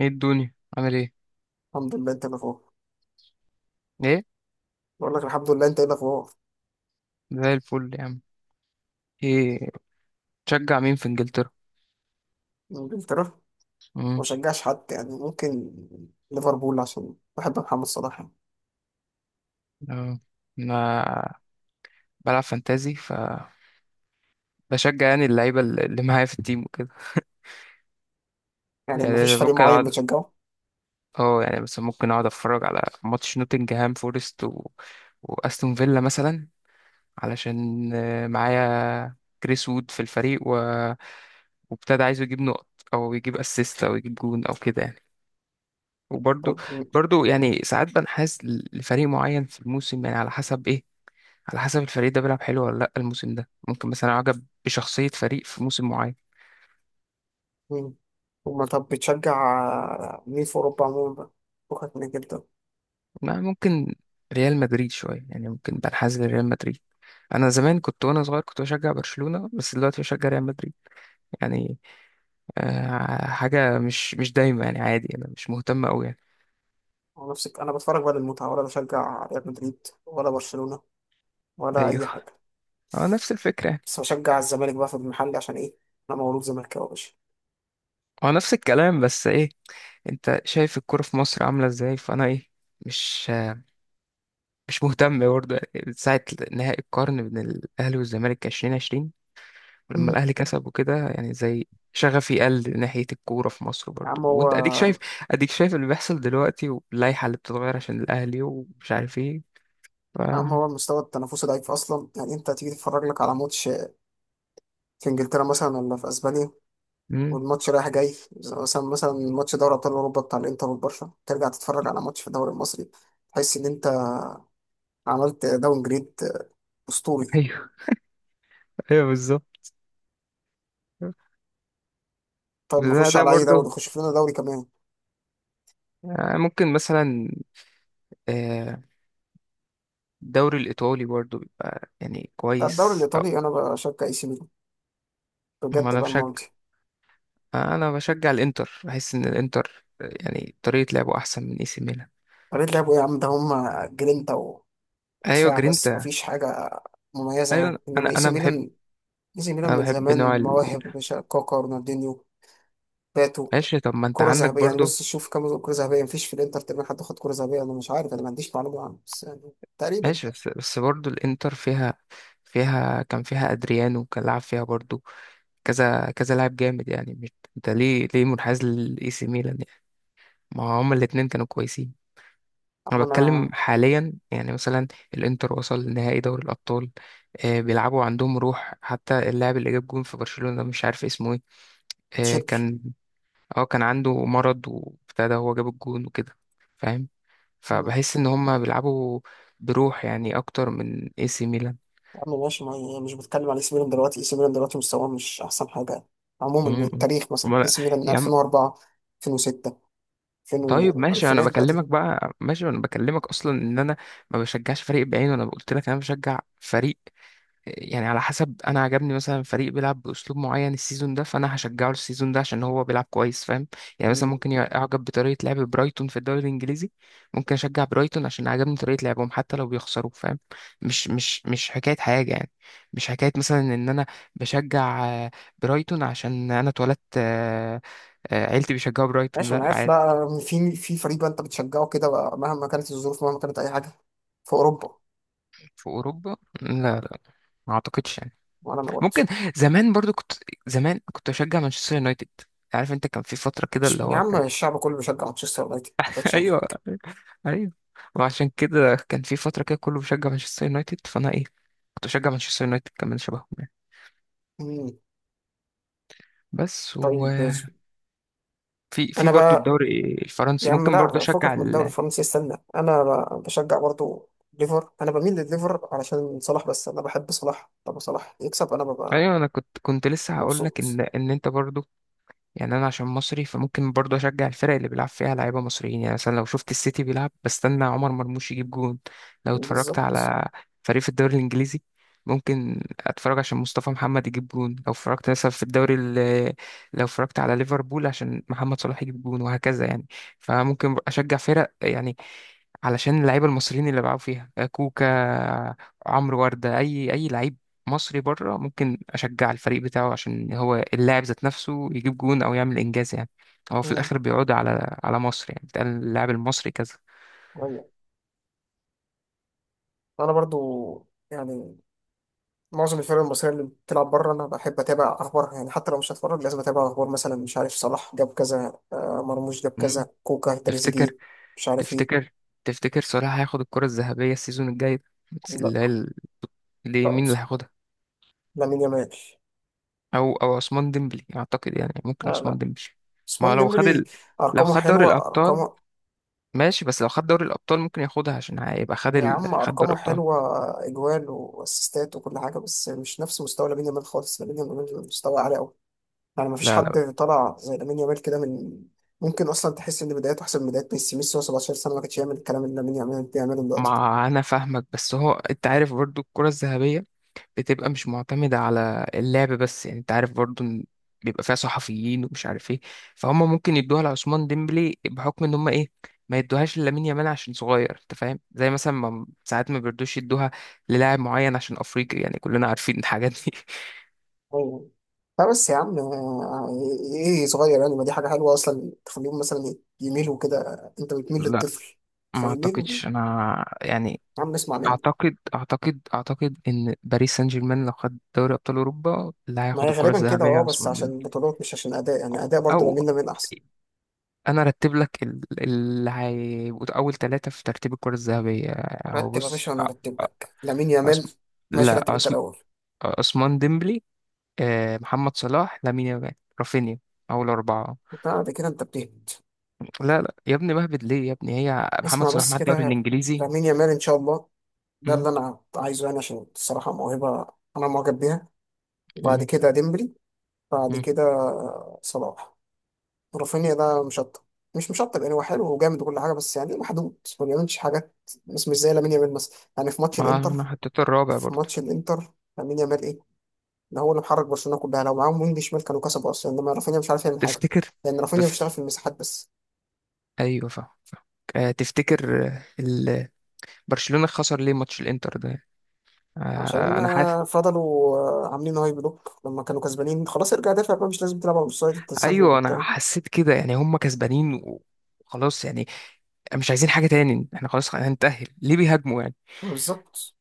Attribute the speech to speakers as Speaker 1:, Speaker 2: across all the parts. Speaker 1: ايه الدنيا عامل ايه؟
Speaker 2: الحمد لله. انت الاخبار؟
Speaker 1: ايه؟
Speaker 2: بقول لك الحمد لله، انت ايه الاخبار؟
Speaker 1: زي الفل يا عم. ايه؟ تشجع مين في انجلترا؟
Speaker 2: انجلترا؟ ما
Speaker 1: امم.
Speaker 2: بشجعش حد يعني. ممكن ليفربول عشان بحب محمد صلاح يعني.
Speaker 1: اه. انا بلعب فانتازي، بشجع يعني اللعيبه اللي معايا في التيم وكده.
Speaker 2: يعني ما فيش
Speaker 1: يعني
Speaker 2: فريق
Speaker 1: ممكن
Speaker 2: معين
Speaker 1: اقعد
Speaker 2: بتشجعه؟
Speaker 1: اه يعني مثلا ممكن اقعد اتفرج على ماتش نوتنجهام فورست واستون فيلا مثلا، علشان معايا كريس وود في الفريق وابتدى عايزه يجيب نقط او يجيب اسيست او يجيب جون او كده يعني. وبرضو
Speaker 2: طب م-
Speaker 1: برضو يعني ساعات بنحاز لفريق معين في الموسم، يعني على حسب ايه، على حسب الفريق ده بيلعب حلو ولا لا الموسم ده، ممكن مثلا اعجب بشخصية فريق في موسم معين.
Speaker 2: مين؟ وما طب بتشجع مين في اوروبا عموما بقى؟ فكك من انجلترا.
Speaker 1: ما ممكن ريال مدريد شوية، يعني ممكن بنحاز لريال مدريد. انا زمان كنت وانا صغير كنت بشجع برشلونة، بس دلوقتي بشجع ريال مدريد، يعني آه حاجة مش دايما يعني، عادي انا مش مهتم قوي يعني.
Speaker 2: هو نفسك انا بتفرج بقى للمتعه، ولا بشجع ريال مدريد ولا برشلونه، ولا
Speaker 1: ايوه
Speaker 2: اي حاجه؟
Speaker 1: هو نفس الفكرة يعني.
Speaker 2: بس بشجع الزمالك بقى في المحل، عشان ايه؟ انا مولود زملكاوي يا باشا.
Speaker 1: هو نفس الكلام بس ايه، انت شايف الكرة في مصر عاملة ازاي، فانا ايه، مش مش مهتم برضه، يعني من ساعة نهائي القرن بين الأهلي والزمالك 2020، ولما
Speaker 2: مم.
Speaker 1: الأهلي كسب وكده يعني زي، شغفي قل ناحية الكورة في مصر
Speaker 2: يا
Speaker 1: برضه،
Speaker 2: عم هو
Speaker 1: وأنت أديك شايف، اللي بيحصل دلوقتي واللائحة اللي بتتغير عشان الأهلي ومش عارف إيه، ف...
Speaker 2: يا عم هو المستوى التنافسي ضعيف اصلا، يعني انت هتيجي تتفرج لك على ماتش في انجلترا مثلا ولا في اسبانيا،
Speaker 1: مم.
Speaker 2: والماتش رايح جاي، زي مثلا ماتش دوري ابطال اوروبا بتاع الانتر والبرشا، ترجع تتفرج على ماتش في الدوري المصري، تحس ان انت عملت داون جريد اسطوري.
Speaker 1: أيوه أيوه بالظبط.
Speaker 2: طب
Speaker 1: بس ده
Speaker 2: نخش
Speaker 1: ده
Speaker 2: على اي دوري؟
Speaker 1: برضه
Speaker 2: نخش في لنا دوري كمان.
Speaker 1: يعني ممكن مثلا آه، الدوري الإيطالي برضه بيبقى يعني
Speaker 2: لا، الدوري
Speaker 1: كويس أو.
Speaker 2: الايطالي انا بشجع اي سي ميلان
Speaker 1: ما
Speaker 2: بجد
Speaker 1: أنا
Speaker 2: بقى
Speaker 1: بشجع
Speaker 2: المره دي.
Speaker 1: آه، أنا بشجع الإنتر، بحس إن الإنتر يعني طريقة لعبه أحسن من إي سي ميلان.
Speaker 2: طريقه لعبوا ايه يا عم؟ ده هم جرينتا و-
Speaker 1: ايوه
Speaker 2: ودفاع بس،
Speaker 1: جرينتا.
Speaker 2: مفيش حاجه مميزه يعني،
Speaker 1: ايوه انا
Speaker 2: انما اي سي
Speaker 1: انا
Speaker 2: ميلان، اي سي ميلان من
Speaker 1: بحب نوع
Speaker 2: زمان
Speaker 1: ال...
Speaker 2: مواهب، مش كاكا، رونالدينيو، باتو؟
Speaker 1: ماشي طب ما انت
Speaker 2: كرة
Speaker 1: عندك
Speaker 2: ذهبية يعني،
Speaker 1: برضو.
Speaker 2: بص شوف كام كرة ذهبية. مفيش في الانتر تقريبا حد خد كرة ذهبية. انا مش عارف، انا ما عنديش معلومة عنه بس يعني تقريبا.
Speaker 1: ماشي بس برضو الانتر فيها، كان فيها ادريانو، كان لعب فيها برضو، كذا كذا لاعب جامد، يعني مش. انت ليه منحاز للاي سي ميلان يعني؟ ما هما الاتنين كانوا كويسين. انا
Speaker 2: اما
Speaker 1: بتكلم
Speaker 2: انا.
Speaker 1: حاليا يعني، مثلا الانتر وصل لنهائي دوري الابطال، آه بيلعبوا عندهم روح. حتى اللاعب اللي جاب جون في برشلونة مش عارف اسمه ايه، آه
Speaker 2: تشيربي.
Speaker 1: كان اه كان عنده مرض وابتدى هو جاب الجون وكده، فاهم؟
Speaker 2: مم.
Speaker 1: فبحس ان هم بيلعبوا بروح يعني اكتر من اي سي ميلان.
Speaker 2: يا عم ماشي، ما يعني مش بتكلم على اي سي ميلان دلوقتي. اي سي ميلان دلوقتي مستواه مش احسن حاجة، عموما من
Speaker 1: مم.
Speaker 2: التاريخ. مثلا اي
Speaker 1: أمال-
Speaker 2: سي ميلان من
Speaker 1: يا عم.
Speaker 2: 2004، 2006، 2000،
Speaker 1: طيب ماشي انا
Speaker 2: الفينات بقى
Speaker 1: بكلمك
Speaker 2: دي.
Speaker 1: بقى، ماشي انا بكلمك اصلا ان انا ما بشجعش فريق بعينه، انا قلت لك انا بشجع فريق يعني على حسب، انا عجبني مثلا فريق بيلعب باسلوب معين السيزون ده، فانا هشجعه السيزون ده عشان هو بيلعب كويس، فاهم؟ يعني مثلا
Speaker 2: مم.
Speaker 1: ممكن اعجب بطريقه لعب برايتون في الدوري الانجليزي، ممكن اشجع برايتون عشان عجبني طريقه لعبهم حتى لو بيخسروا، فاهم؟ مش حكايه حاجه يعني، مش حكايه مثلا ان انا بشجع برايتون عشان انا اتولدت عيلتي بيشجعوا برايتون،
Speaker 2: ماشي انا
Speaker 1: لا
Speaker 2: عارف.
Speaker 1: عادي.
Speaker 2: لا، في في فريق بقى انت بتشجعه كده بقى، مهما كانت الظروف، مهما كانت اي حاجة، في اوروبا؟
Speaker 1: في اوروبا؟ لا لا، ما اعتقدش يعني.
Speaker 2: وانا ما قلتش.
Speaker 1: ممكن، زمان برضو كنت زمان كنت اشجع مانشستر يونايتد. عارف انت كان في فترة كده
Speaker 2: مش
Speaker 1: اللي
Speaker 2: يا
Speaker 1: هو
Speaker 2: عم،
Speaker 1: كان،
Speaker 2: الشعب كله بيشجع مانشستر يونايتد، ما بقتش
Speaker 1: ايوه
Speaker 2: عليك.
Speaker 1: ايوه، وعشان كده كان في فترة كده كله بيشجع مانشستر يونايتد، فانا ايه كنت اشجع مانشستر يونايتد كمان، شبههم يعني.
Speaker 2: مم.
Speaker 1: بس
Speaker 2: طيب.
Speaker 1: وفي
Speaker 2: انا
Speaker 1: برضو
Speaker 2: بقى
Speaker 1: الدوري
Speaker 2: يا
Speaker 1: الفرنسي
Speaker 2: عم،
Speaker 1: ممكن برضو
Speaker 2: لا
Speaker 1: اشجع
Speaker 2: فكك من الدوري
Speaker 1: ال...
Speaker 2: الفرنسي، استنى. بشجع برضو ليفر، انا بميل لليفر علشان صلاح، بس انا بحب صلاح. لما صلاح يكسب انا ببقى
Speaker 1: ايوه انا كنت لسه هقول لك
Speaker 2: مبسوط.
Speaker 1: ان انت برضو، يعني انا عشان مصري فممكن برضه اشجع الفرق اللي بيلعب فيها لعيبه مصريين. يعني مثلا لو شفت السيتي بيلعب بستنى عمر مرموش يجيب جون، لو اتفرجت
Speaker 2: بالظبط.
Speaker 1: على فريق في الدوري الانجليزي ممكن اتفرج عشان مصطفى محمد يجيب جون، لو اتفرجت مثلا في الدوري ال- لو اتفرجت على ليفربول عشان محمد صلاح يجيب جون، وهكذا يعني. فممكن اشجع فرق يعني علشان اللعيبه المصريين اللي بيلعبوا فيها، كوكا، عمرو ورده، اي لعيب مصري بره ممكن اشجع الفريق بتاعه عشان هو اللاعب ذات نفسه يجيب جون او يعمل انجاز يعني. هو في
Speaker 2: مم.
Speaker 1: الاخر بيعود على مصر، يعني بتقال اللاعب المصري كذا.
Speaker 2: ايوه انا برضو يعني معظم الفرق المصريه اللي بتلعب بره انا بحب اتابع اخبارها يعني. حتى لو مش هتفرج لازم اتابع اخبار، مثلا مش عارف صلاح جاب كذا، مرموش جاب
Speaker 1: مم.
Speaker 2: كذا، كوكا،
Speaker 1: تفتكر
Speaker 2: تريزيجيه، مش عارف ايه.
Speaker 1: تفتكر تفتكر صلاح هياخد الكرة الذهبية السيزون الجاي ده؟ بس
Speaker 2: لا.
Speaker 1: اللي
Speaker 2: لا.
Speaker 1: مين اللي هياخدها؟
Speaker 2: لامين يامال.
Speaker 1: او عثمان ديمبلي اعتقد يعني، ممكن
Speaker 2: آه
Speaker 1: عثمان
Speaker 2: لا
Speaker 1: ديمبلي. ما هو
Speaker 2: عثمان ديمبلي.
Speaker 1: لو
Speaker 2: ارقامه
Speaker 1: خد دوري
Speaker 2: حلوه،
Speaker 1: الابطال،
Speaker 2: ارقامه.
Speaker 1: ماشي بس لو خد دوري الابطال ممكن ياخدها عشان هيبقى
Speaker 2: يا عم
Speaker 1: خد دوري
Speaker 2: أرقامه
Speaker 1: الابطال.
Speaker 2: حلوة، إجوال وأسيستات وكل حاجة، بس مش نفس مستوى لامين يامال خالص. لامين يامال مستوى عالي أوي، يعني مفيش
Speaker 1: لا لا،
Speaker 2: حد طلع زي لامين يامال كده من. ممكن أصلا تحس إن بدايته أحسن من بدايات ميسي. وهو 17 سنة ما كانش يعمل الكلام اللي لامين يامال بيعمله دلوقتي ده.
Speaker 1: ما انا فاهمك، بس هو انت عارف برضو الكرة الذهبية بتبقى مش معتمدة على اللعب بس، يعني انت عارف برضو ان بيبقى فيها صحفيين ومش عارف ايه، فهم ممكن يدوها لعثمان ديمبلي بحكم ان هم ايه، ما يدوهاش لامين يامال عشان صغير، انت فاهم؟ زي مثلا ما ساعات ما بيردوش يدوها للاعب معين عشان افريقي، يعني كلنا عارفين الحاجات دي.
Speaker 2: أيوة. لا بس يا عم، إيه صغير؟ يعني ما دي حاجة حلوة أصلا، تخليهم مثلا يميلوا كده. أنت بتميل
Speaker 1: لا،
Speaker 2: للطفل
Speaker 1: ما
Speaker 2: فيميلوا.
Speaker 1: اعتقدش انا يعني.
Speaker 2: يا عم اسمع مني.
Speaker 1: اعتقد ان باريس سان جيرمان لو خد دوري ابطال اوروبا، اللي
Speaker 2: ما
Speaker 1: هياخد
Speaker 2: هي
Speaker 1: الكره
Speaker 2: غالبا كده،
Speaker 1: الذهبيه
Speaker 2: أه، بس
Speaker 1: عثمان
Speaker 2: عشان
Speaker 1: ديمبلي.
Speaker 2: بطولات مش عشان أداء. يعني أداء
Speaker 1: او
Speaker 2: برضه
Speaker 1: أو
Speaker 2: لامين يامال أحسن.
Speaker 1: انا ارتب لك اللي هيبقوا اول ثلاثه في ترتيب الكره الذهبيه. هو
Speaker 2: رتب يا
Speaker 1: بص،
Speaker 2: باشا، وانا هرتب لك لامين
Speaker 1: عثم...
Speaker 2: يامال. ماشي،
Speaker 1: لا،
Speaker 2: رتب انت الاول.
Speaker 1: عثمان ديمبلي، محمد صلاح، لامين يامال، رافينيا. اول اربعه.
Speaker 2: بعد كده انت بتهبط.
Speaker 1: لا لا يا ابني، بهبد ليه يا ابني؟ هي محمد
Speaker 2: اسمع
Speaker 1: صلاح
Speaker 2: بس
Speaker 1: مع الدوري
Speaker 2: كده.
Speaker 1: الانجليزي.
Speaker 2: لامين يامال ان شاء الله، ده
Speaker 1: مم.
Speaker 2: اللي انا عايزه يعني، عشان الصراحه موهبه انا معجب بيها. وبعد
Speaker 1: مم.
Speaker 2: كده ديمبلي. بعد
Speaker 1: مم.
Speaker 2: كده صلاح. رافينيا ده مشطب، مش مشطب يعني، هو حلو وجامد وكل حاجه، بس يعني محدود، ما بيعملش حاجات، بس مش زي لامين يامال مثلا، يعني في ماتش
Speaker 1: ما
Speaker 2: الانتر،
Speaker 1: انا حطيت الرابع
Speaker 2: في
Speaker 1: برضه.
Speaker 2: ماتش الانتر لامين يامال ايه؟ ده هو اللي محرك برشلونه كلها. لو معاهم وينج شمال كانوا كسبوا اصلا، انما رافينيا مش عارف يعمل حاجه،
Speaker 1: تفتكر؟
Speaker 2: لان رافينيا
Speaker 1: تفت...
Speaker 2: بيشتغل في المساحات بس.
Speaker 1: ايوه فاهم. آه، تفتكر آه، ال- برشلونة خسر ليه ماتش الانتر ده؟
Speaker 2: عشان
Speaker 1: انا حاسس.
Speaker 2: فضلوا عاملين هاي بلوك لما كانوا كسبانين خلاص. ارجع دافع بقى، مش لازم تلعب على الاوفسايد، التسلل
Speaker 1: ايوه انا
Speaker 2: وبتاع.
Speaker 1: حسيت كده، يعني هم كسبانين وخلاص يعني، مش عايزين حاجة تاني، احنا خلاص هنتأهل، ليه بيهاجموا يعني؟
Speaker 2: بالظبط.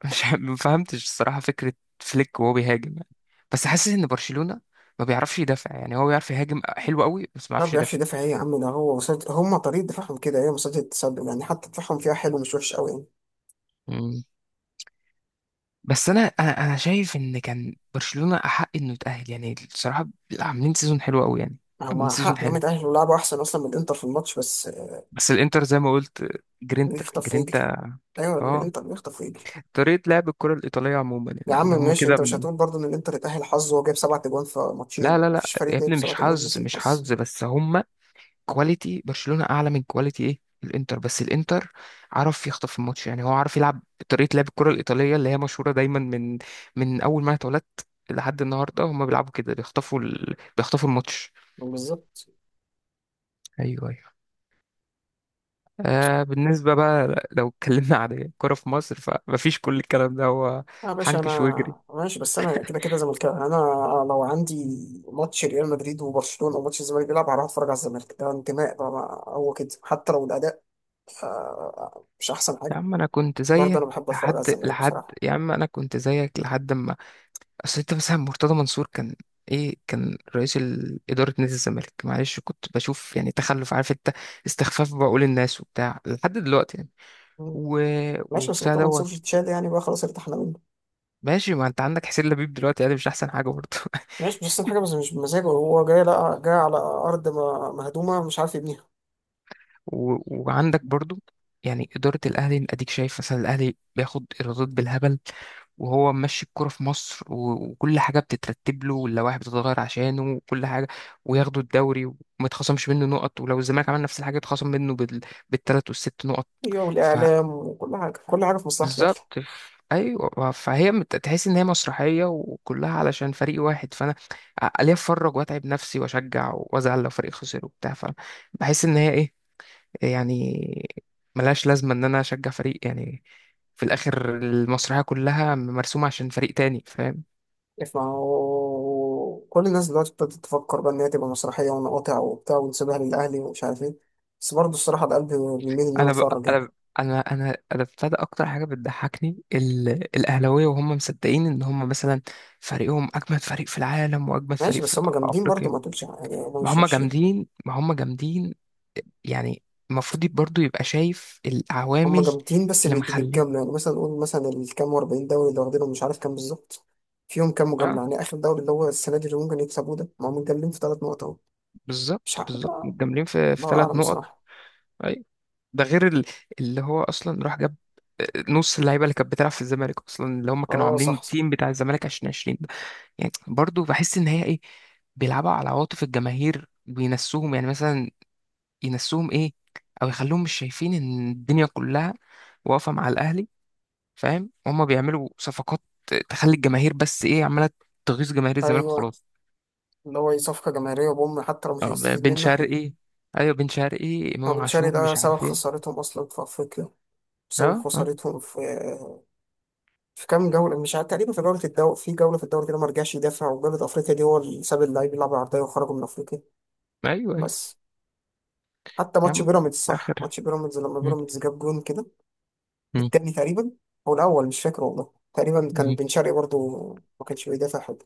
Speaker 1: مش ع- ما فهمتش الصراحة فكرة فليك وهو بيهاجم يعني. بس حاسس ان برشلونة ما بيعرفش يدافع، يعني هو بيعرف يهاجم حلو قوي بس ما
Speaker 2: ما
Speaker 1: بيعرفش
Speaker 2: بيعرفش
Speaker 1: يدافع.
Speaker 2: يدافع ايه يا عم؟ ده هو هم طريقه دفاعهم كده ايه، مصيدة التسلل يعني، حتى دفاعهم فيها حلو، مش وحش قوي.
Speaker 1: مم. بس انا شايف ان كان برشلونة احق انه يتأهل يعني، الصراحة عاملين سيزون حلو قوي يعني،
Speaker 2: يعني
Speaker 1: عاملين
Speaker 2: هم
Speaker 1: سيزون
Speaker 2: حق انهم
Speaker 1: حلو.
Speaker 2: يتأهلوا، لعبوا احسن اصلا من الانتر في الماتش، بس آه.
Speaker 1: بس الانتر زي ما قلت، جرينتا
Speaker 2: بيخطف ويجري.
Speaker 1: جرينتا.
Speaker 2: ايوه
Speaker 1: اه،
Speaker 2: الانتر بيخطف ويجري.
Speaker 1: طريقة لعب الكرة الإيطالية عموما
Speaker 2: يا
Speaker 1: يعني،
Speaker 2: عم
Speaker 1: ان هم
Speaker 2: ماشي،
Speaker 1: كده
Speaker 2: انت مش
Speaker 1: من...
Speaker 2: هتقول برضه ان الانتر اتأهل حظ وهو جايب 7 اجوان في
Speaker 1: لا
Speaker 2: ماتشين؟
Speaker 1: لا لا
Speaker 2: مفيش فريق
Speaker 1: يا
Speaker 2: جايب
Speaker 1: ابني،
Speaker 2: سبع
Speaker 1: مش
Speaker 2: اجوان
Speaker 1: حظ
Speaker 2: مثل
Speaker 1: مش
Speaker 2: الحظ.
Speaker 1: حظ، بس هم كواليتي برشلونة أعلى من كواليتي إيه الإنتر، بس الإنتر عرف يخطف الماتش، يعني هو عارف يلعب طريقة لعب الكرة الإيطالية اللي هي مشهورة دايما، من أول ما أنا اتولدت لحد النهاردة هم بيلعبوا كده، بيخطفوا الماتش.
Speaker 2: بالظبط.
Speaker 1: أيوه أيوه. آه، بالنسبة بقى لو اتكلمنا عن الكرة في مصر فمفيش، كل الكلام ده هو
Speaker 2: اه يا باشا
Speaker 1: حنكش
Speaker 2: انا
Speaker 1: وجري.
Speaker 2: ماشي، بس انا كده كده زملكاوي يعني. انا لو عندي ماتش ريال مدريد وبرشلونة او ماتش الزمالك بيلعب، هروح اتفرج على الزمالك، ده انتماء بقى. ما هو كده، حتى لو الاداء مش احسن
Speaker 1: يا
Speaker 2: حاجة،
Speaker 1: عم انا كنت
Speaker 2: برضه
Speaker 1: زيك،
Speaker 2: انا بحب اتفرج على الزمالك بصراحة.
Speaker 1: لحد ما، اصل انت مثلا مرتضى منصور كان، كان رئيس اداره نادي الزمالك، معلش كنت بشوف يعني تخلف، عارف انت، استخفاف بعقول الناس وبتاع لحد دلوقتي يعني،
Speaker 2: مم.
Speaker 1: و...
Speaker 2: ماشي، بس
Speaker 1: وبتاع
Speaker 2: طبعا
Speaker 1: دوت.
Speaker 2: سوري تشاد يعني بقى خلاص، ارتحنا منه.
Speaker 1: ماشي، ما انت عندك حسين لبيب دلوقتي، يعني مش احسن حاجه برضه.
Speaker 2: ماشي مش احسن حاجة، بس مش بمزاجه. هو جاي، لا جاي على ارض مهدومة مش عارف يبنيها.
Speaker 1: و... وعندك برضه، يعني اداره الاهلي اديك شايف، مثلا الاهلي بياخد ايرادات بالهبل وهو ماشي الكرة في مصر، وكل حاجة بتترتب له، واللوائح بتتغير عشانه وكل حاجة، وياخدوا الدوري وما يتخصمش منه نقط، ولو الزمالك عمل نفس الحاجة يتخصم منه بالتلات والست نقط.
Speaker 2: ايوه، والاعلام وكل حاجه، كل حاجه في مصلحه الاهلي.
Speaker 1: فبالظبط، ايوه، فهي تحس ان هي مسرحية وكلها علشان فريق واحد، فانا ليه اتفرج واتعب نفسي واشجع وازعل لو فريق خسر وبتاع، فبحس ان هي ايه يعني، ملهاش لازمة ان انا اشجع فريق يعني، في الاخر المسرحية كلها مرسومة عشان فريق تاني، فاهم؟
Speaker 2: ما هو كل الناس دلوقتي ابتدت تفكر بقى ان هي تبقى مسرحيه، ونقاطع وبتاع، ونسيبها للاهلي، ومش عارف ايه، بس برضه الصراحه ده قلبي بيميل ان انا
Speaker 1: انا ب...
Speaker 2: اتفرج
Speaker 1: انا
Speaker 2: يعني.
Speaker 1: ب... انا انا انا ابتدى اكتر حاجه بتضحكني الاهلاويه، وهم مصدقين ان هم مثلا فريقهم اجمد فريق في العالم واجمد
Speaker 2: ماشي
Speaker 1: فريق في,
Speaker 2: بس
Speaker 1: في
Speaker 2: هم جامدين برضه،
Speaker 1: افريقيا.
Speaker 2: ما تقولش يعني هم
Speaker 1: ما
Speaker 2: مش
Speaker 1: هم
Speaker 2: وحشين.
Speaker 1: جامدين ما هم جامدين يعني. المفروض برضو يبقى شايف
Speaker 2: هم
Speaker 1: العوامل
Speaker 2: جامدين، بس
Speaker 1: اللي
Speaker 2: بالجمله
Speaker 1: مخليه.
Speaker 2: يعني. مثلا نقول مثلا الكام و40 دوري اللي واخدينهم، مش عارف كام بالظبط، فيهم كام مجامله
Speaker 1: اه
Speaker 2: يعني. اخر دوري اللي هو السنه دي اللي ممكن يكسبوه ده، ما هم متجاملين في 3 نقط اهو.
Speaker 1: بالظبط
Speaker 2: مش عارف
Speaker 1: بالظبط،
Speaker 2: بقى،
Speaker 1: متجاملين في
Speaker 2: الله
Speaker 1: ثلاث
Speaker 2: اعلم
Speaker 1: نقط.
Speaker 2: بصراحه.
Speaker 1: اي، ده غير اللي هو اصلا راح جاب آه، نص اللعيبه اللي كانت بتلعب في الزمالك اصلا، اللي هم كانوا
Speaker 2: اه
Speaker 1: عاملين
Speaker 2: صح صح.
Speaker 1: التيم بتاع الزمالك 2020. يعني برضو بحس ان هي ايه، بيلعبوا على عواطف الجماهير وينسوهم، يعني مثلا ينسوهم ايه، او يخلوهم مش شايفين ان الدنيا كلها واقفه مع الاهلي، فاهم؟ هما بيعملوا صفقات تخلي الجماهير بس ايه عماله تغيظ جماهير الزمالك
Speaker 2: ايوه
Speaker 1: وخلاص.
Speaker 2: اللي هو صفقة جماهيرية بوم، حتى لو مش
Speaker 1: اه،
Speaker 2: هنستفيد
Speaker 1: بن
Speaker 2: منه احنا.
Speaker 1: شرقي. ايوه بن شرقي،
Speaker 2: هو
Speaker 1: امام
Speaker 2: بن شرقي
Speaker 1: عاشور،
Speaker 2: ده
Speaker 1: مش
Speaker 2: سبب
Speaker 1: عارف ايه.
Speaker 2: خسارتهم أصلا في أفريقيا، سبب
Speaker 1: اه اه.
Speaker 2: خسارتهم في في كام جولة. مش عارف تقريبا، في جولة الدوري، في جولة في الدوري كده ما رجعش يدافع، وجولة أفريقيا دي هو اللي ساب اللعيب يلعب عرضية وخرجوا من أفريقيا.
Speaker 1: ايوه ايوه.
Speaker 2: بس حتى
Speaker 1: يا
Speaker 2: ماتش
Speaker 1: عم في
Speaker 2: بيراميدز، صح،
Speaker 1: الاخر.
Speaker 2: ماتش بيراميدز لما
Speaker 1: مم.
Speaker 2: بيراميدز جاب جون كده
Speaker 1: مم.
Speaker 2: التاني تقريبا، هو الأول مش فاكر والله تقريبا كان
Speaker 1: مم.
Speaker 2: بن شرقي برضه، ما كانش بيدافع حد.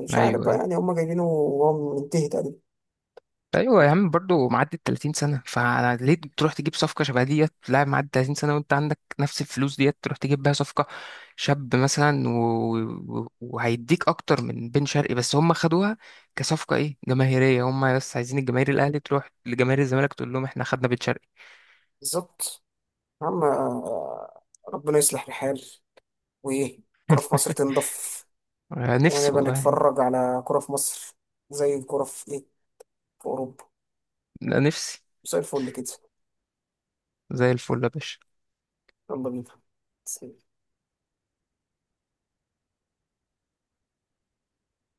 Speaker 2: مش عارف
Speaker 1: ايوه
Speaker 2: بقى
Speaker 1: أيوه.
Speaker 2: يعني، هما جايبينه وهو منتهي تقريبا.
Speaker 1: ايوه يا عم برضه معدي ال 30 سنه، فليه تروح تجيب صفقه شبه ديت لاعب معدي 30 سنه وانت عندك نفس الفلوس ديت تروح تجيب بيها صفقه شاب مثلا، وهيديك اكتر من بن شرقي، بس هم خدوها كصفقه جماهيريه، هم بس عايزين الجماهير الاهلي تروح لجماهير الزمالك تقول لهم احنا خدنا بن شرقي.
Speaker 2: بالظبط. يا عم ربنا يصلح الحال، وايه الكرة في مصر تنضف،
Speaker 1: نفسي
Speaker 2: ونبقى
Speaker 1: والله.
Speaker 2: نتفرج على كرة في مصر زي الكرة في ايه، في اوروبا،
Speaker 1: نفسي.
Speaker 2: زي الفل كده.
Speaker 1: زي الفل يا باشا.
Speaker 2: يلا بينا.